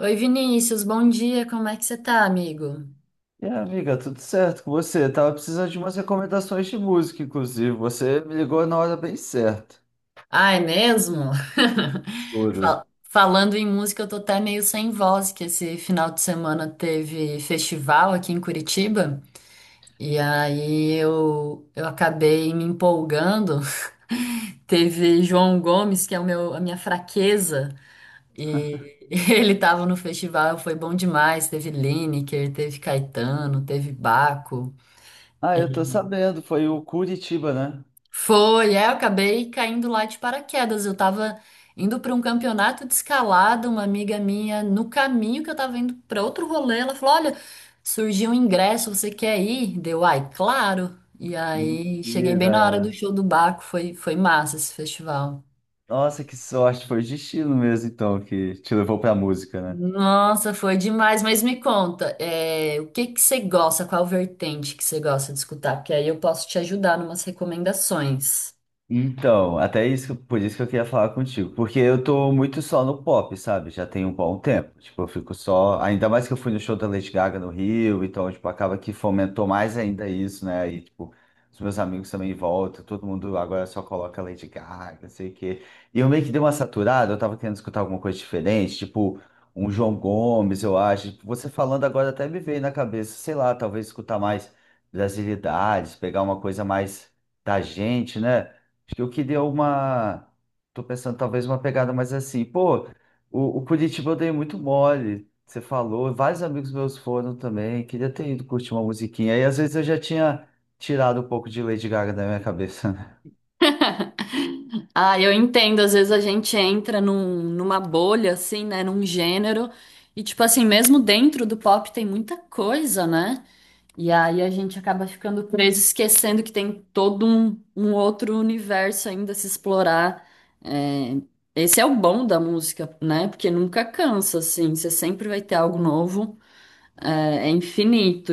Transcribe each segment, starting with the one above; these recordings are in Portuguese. Oi, Vinícius, bom dia, como é que você tá, amigo? E aí, amiga, tudo certo com você? Tava precisando de umas recomendações de música, inclusive. Você me ligou na hora bem certa. Ah, é mesmo? Tudo. Falando em música, eu tô até meio sem voz, que esse final de semana teve festival aqui em Curitiba, e aí eu acabei me empolgando. Teve João Gomes, que é a minha fraqueza, e ele tava no festival, foi bom demais. Teve Lineker, teve Caetano, teve Baco. Ah, eu tô sabendo, foi o Curitiba, né? Foi, é, eu acabei caindo lá de paraquedas. Eu tava indo para um campeonato de escalada, uma amiga minha, no caminho que eu tava indo para outro rolê, ela falou: Olha, surgiu um ingresso, você quer ir? Deu, ai, claro. E aí cheguei bem Mentira. na hora do show do Baco, foi, foi massa esse festival. Nossa, que sorte, foi o destino mesmo, então, que te levou pra música, né? Nossa, foi demais, mas me conta, é, o que que você gosta, qual vertente que você gosta de escutar? Porque aí eu posso te ajudar numas recomendações. Então, até isso, por isso que eu queria falar contigo, porque eu tô muito só no pop, sabe? Já tem um bom tempo. Tipo, eu fico só, ainda mais que eu fui no show da Lady Gaga no Rio, então, tipo, acaba que fomentou mais ainda isso, né? E, tipo, os meus amigos também voltam, todo mundo agora só coloca Lady Gaga, não sei o quê. E eu meio que dei uma saturada, eu tava querendo escutar alguma coisa diferente, tipo, um João Gomes, eu acho. Tipo, você falando agora até me veio na cabeça, sei lá, talvez escutar mais brasilidades, pegar uma coisa mais da gente, né? Acho que eu queria uma. Tô pensando talvez uma pegada mais assim. Pô, o Curitiba eu dei muito mole. Você falou, vários amigos meus foram também. Queria ter ido curtir uma musiquinha. Aí às vezes eu já tinha tirado um pouco de Lady Gaga da minha cabeça, né? Ah, eu entendo. Às vezes a gente entra numa bolha, assim, né? Num gênero. E, tipo assim, mesmo dentro do pop tem muita coisa, né? E aí a gente acaba ficando preso, esquecendo que tem um outro universo ainda a se explorar. É, esse é o bom da música, né? Porque nunca cansa, assim. Você sempre vai ter algo novo. É, é infinito.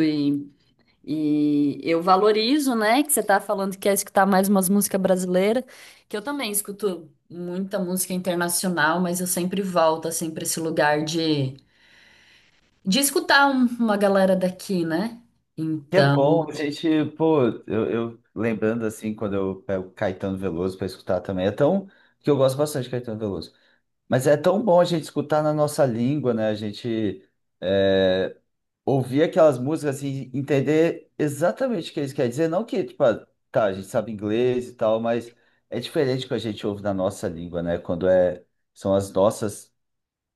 E eu valorizo, né, que você tá falando que quer escutar mais umas músicas brasileiras, que eu também escuto muita música internacional, mas eu sempre volto, assim, pra esse lugar de escutar uma galera daqui, né? Que é Então, bom, a gente, pô, eu lembrando assim, quando eu pego Caetano Veloso para escutar também, é tão. Que eu gosto bastante de Caetano Veloso. Mas é tão bom a gente escutar na nossa língua, né? A gente. eh, ouvir aquelas músicas assim, entender exatamente o que eles querem dizer. Não que, tipo, ah, tá, a gente sabe inglês e tal, mas é diferente que a gente ouve na nossa língua, né? Quando é, são as nossas,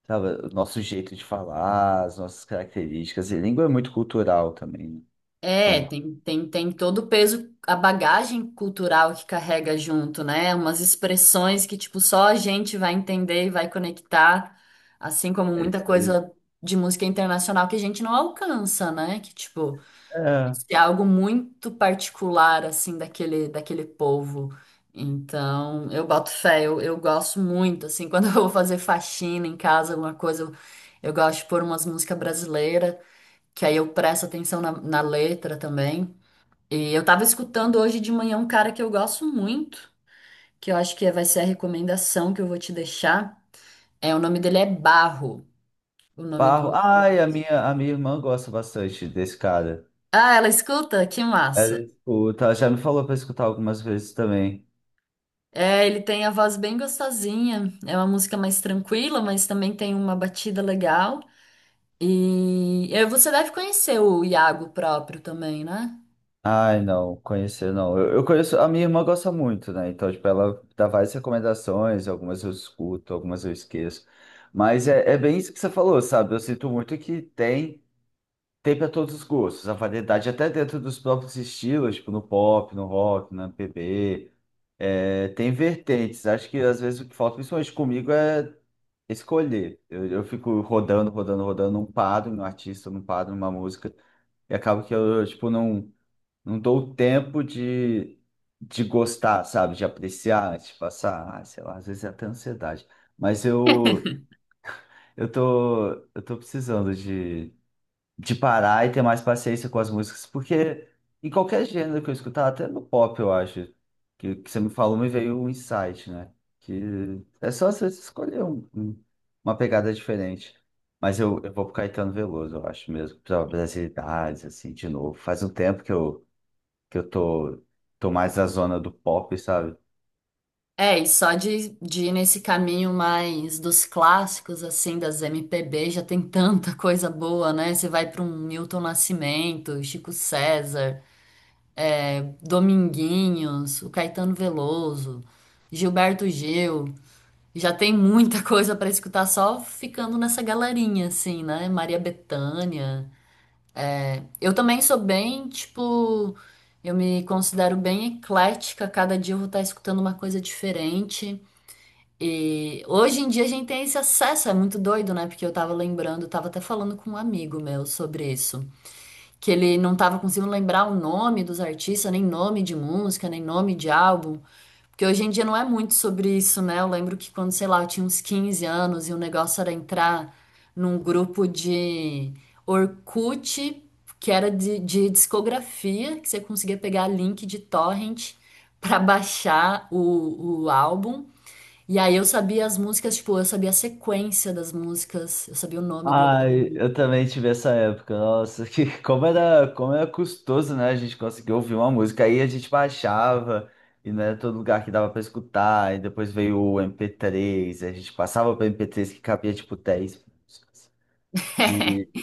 sabe, o nosso jeito de falar, as nossas características. E língua é muito cultural também, né? é, Então, tem todo o peso, a bagagem cultural que carrega junto, né? Umas expressões que, tipo, só a gente vai entender e vai conectar, assim como é muita isso aí. coisa de música internacional que a gente não alcança, né? Que, tipo. É. Se é algo muito particular, assim, daquele povo. Então, eu boto fé, eu gosto muito, assim, quando eu vou fazer faxina em casa, alguma coisa, eu gosto de pôr umas músicas brasileiras, que aí eu presto atenção na, na letra também. E eu tava escutando hoje de manhã um cara que eu gosto muito, que eu acho que vai ser a recomendação que eu vou te deixar. É, o nome dele é Barro, o nome Barro. do... Ai, a minha irmã gosta bastante desse cara. Ah, ela escuta? Que Ela massa! escuta, ela já me falou pra escutar algumas vezes também. É, ele tem a voz bem gostosinha. É uma música mais tranquila, mas também tem uma batida legal. E você deve conhecer o Iago próprio também, né? Ai, não, conhecer não. Eu conheço, a minha irmã gosta muito, né? Então, tipo, ela dá várias recomendações, algumas eu escuto, algumas eu esqueço. Mas é, é bem isso que você falou, sabe? Eu sinto muito que tem, tem para todos os gostos, a variedade até dentro dos próprios estilos, tipo no pop, no rock, na MPB. É, tem vertentes. Acho que às vezes o que falta, principalmente comigo, é escolher. Eu fico rodando, rodando, rodando, não paro em um artista, não paro em uma música. E acaba que eu, tipo, não. Não dou tempo de gostar, sabe? De apreciar, de passar, ah, sei lá, às vezes é até ansiedade. Mas eu, eu tô precisando de parar e ter mais paciência com as músicas, porque em qualquer gênero que eu escutar, até no pop, eu acho, que você me falou, me veio um insight, né? Que é só você escolher uma pegada diferente. Mas eu vou pro Caetano Veloso, eu acho mesmo, pra brasilidades, assim, de novo. Faz um tempo que eu que eu tô, tô mais na zona do pop, sabe? É, e só de ir nesse caminho mais dos clássicos, assim, das MPB, já tem tanta coisa boa, né? Você vai para um Milton Nascimento, Chico César, é, Dominguinhos, o Caetano Veloso, Gilberto Gil. Já tem muita coisa pra escutar só ficando nessa galerinha, assim, né? Maria Bethânia. Eu também sou bem, tipo, eu me considero bem eclética. Cada dia eu vou estar escutando uma coisa diferente. E hoje em dia a gente tem esse acesso, é muito doido, né? Porque eu tava lembrando, eu tava até falando com um amigo meu sobre isso, que ele não tava conseguindo lembrar o nome dos artistas, nem nome de música, nem nome de álbum. Porque hoje em dia não é muito sobre isso, né? Eu lembro que quando, sei lá, eu tinha uns 15 anos e o negócio era entrar num grupo de Orkut, que era de discografia, que você conseguia pegar link de torrent pra baixar o álbum. E aí eu sabia as músicas, tipo, eu sabia a sequência das músicas, eu sabia o nome do álbum. Ai, eu também tive essa época. Nossa, que como era custoso, né? A gente conseguir ouvir uma música. Aí a gente baixava e não era todo lugar que dava pra escutar. E depois veio o MP3, a gente passava para MP3 que cabia tipo 10 músicas. E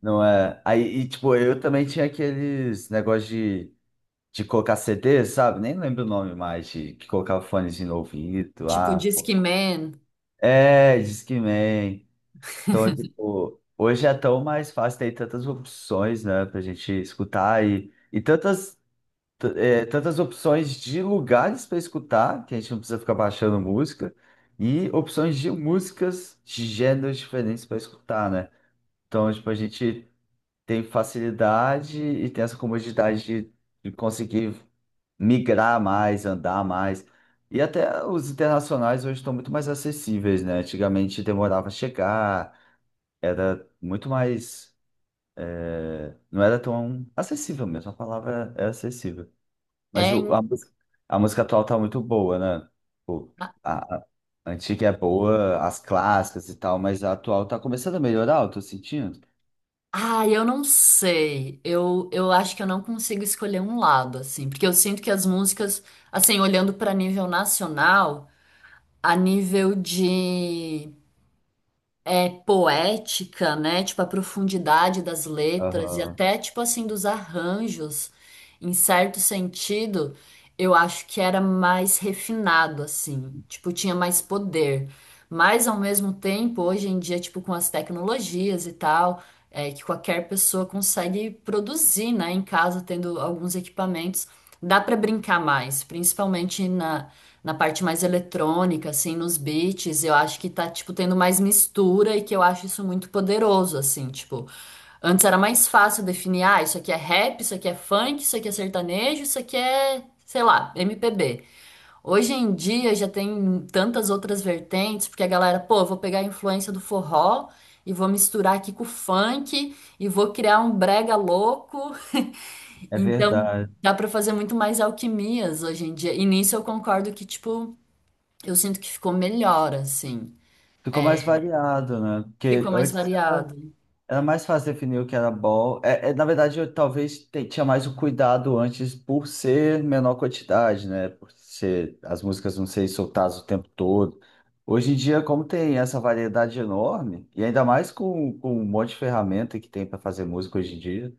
não é. Aí, e, tipo, eu também tinha aqueles negócios de colocar CD, sabe? Nem lembro o nome mais, de que colocava fones no ouvido. Tipo, Ah, pô. Discman. É, Discman. Então, é, tipo, hoje é tão mais fácil, tem tantas opções, né, pra gente escutar e tantas, tantas opções de lugares para escutar, que a gente não precisa ficar baixando música, e opções de músicas de gêneros diferentes para escutar, né? Então, tipo, a gente tem facilidade e tem essa comodidade de conseguir migrar mais, andar mais. E até os internacionais hoje estão muito mais acessíveis, né? Antigamente demorava a chegar, era muito mais. É, não era tão acessível mesmo, a palavra é acessível. Mas É, música a música atual tá muito boa, né? Tipo, a antiga é boa, as clássicas e tal, mas a atual tá começando a melhorar, eu tô sentindo. Ah, eu não sei. Eu acho que eu não consigo escolher um lado, assim, porque eu sinto que as músicas, assim, olhando para nível nacional, a nível de é, poética, né? Tipo, a profundidade das letras e Aham. até, tipo assim, dos arranjos, em certo sentido, eu acho que era mais refinado, assim. Tipo, tinha mais poder. Mas, ao mesmo tempo, hoje em dia, tipo, com as tecnologias e tal, é que qualquer pessoa consegue produzir, né? Em casa, tendo alguns equipamentos, dá para brincar mais, principalmente na parte mais eletrônica, assim, nos beats, eu acho que tá, tipo, tendo mais mistura e que eu acho isso muito poderoso, assim, tipo, antes era mais fácil definir, ah, isso aqui é rap, isso aqui é funk, isso aqui é sertanejo, isso aqui é, sei lá, MPB. Hoje em dia já tem tantas outras vertentes, porque a galera, pô, eu vou pegar a influência do forró e vou misturar aqui com o funk e vou criar um brega louco. É Então, verdade. dá pra fazer muito mais alquimias hoje em dia. E nisso eu concordo que, tipo, eu sinto que ficou melhor, assim. Ficou mais variado, né? Porque Ficou mais antes variado. era mais fácil definir o que era ball. É, é, na verdade, eu talvez tinha mais o cuidado antes por ser menor quantidade, né? Por ser as músicas não serem soltadas o tempo todo. Hoje em dia, como tem essa variedade enorme, e ainda mais com um monte de ferramenta que tem para fazer música hoje em dia,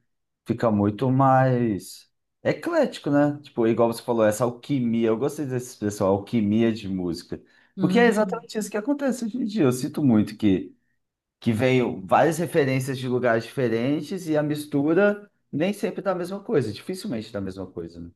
fica muito mais eclético, né? Tipo, igual você falou, essa alquimia. Eu gostei dessa expressão, alquimia de música. Porque é Uhum. exatamente isso que acontece hoje em dia. Eu sinto muito que veio várias referências de lugares diferentes e a mistura nem sempre dá a mesma coisa, dificilmente dá a mesma coisa, né?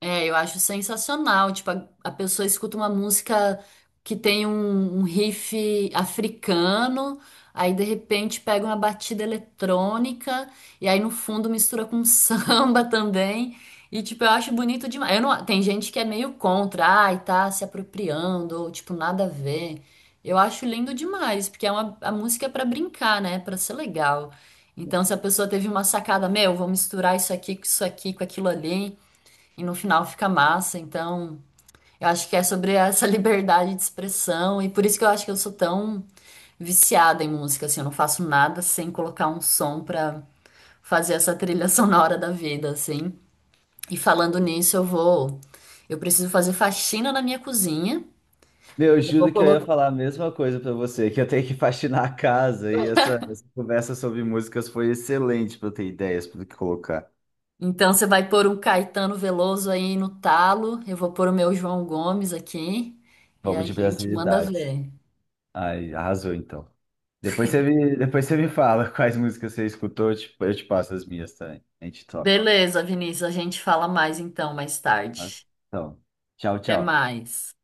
É, eu acho sensacional. Tipo, a pessoa escuta uma música que tem um riff africano, aí de repente pega uma batida eletrônica, e aí no fundo mistura com samba também. E, tipo, eu acho bonito demais. Eu não, tem gente que é meio contra, ai, tá se apropriando, ou tipo, nada a ver. Eu acho lindo demais, porque é uma, a música é pra brincar, né? Pra ser legal. Então, se a pessoa teve uma sacada, meu, vou misturar isso aqui, com aquilo ali e no final fica massa. Então, eu acho que é sobre essa liberdade de expressão e por isso que eu acho que eu sou tão viciada em música, assim, eu não faço nada sem colocar um som pra fazer essa trilha sonora da vida, assim. E falando nisso, eu vou, eu preciso fazer faxina na minha cozinha. Meu, eu Eu vou juro que eu ia colocar. falar a mesma coisa pra você, que eu tenho que faxinar a casa e essa conversa sobre músicas foi excelente pra eu ter ideias para que colocar. Então você vai pôr um Caetano Veloso aí no talo, eu vou pôr o meu João Gomes aqui e a Vamos de gente manda brasilidades. ver. Ai, arrasou então. Depois você me fala quais músicas você escutou, eu te passo as minhas também. A gente troca. Beleza, Vinícius, a gente fala mais então mais Tá? tarde. Então, tchau, Até tchau. mais.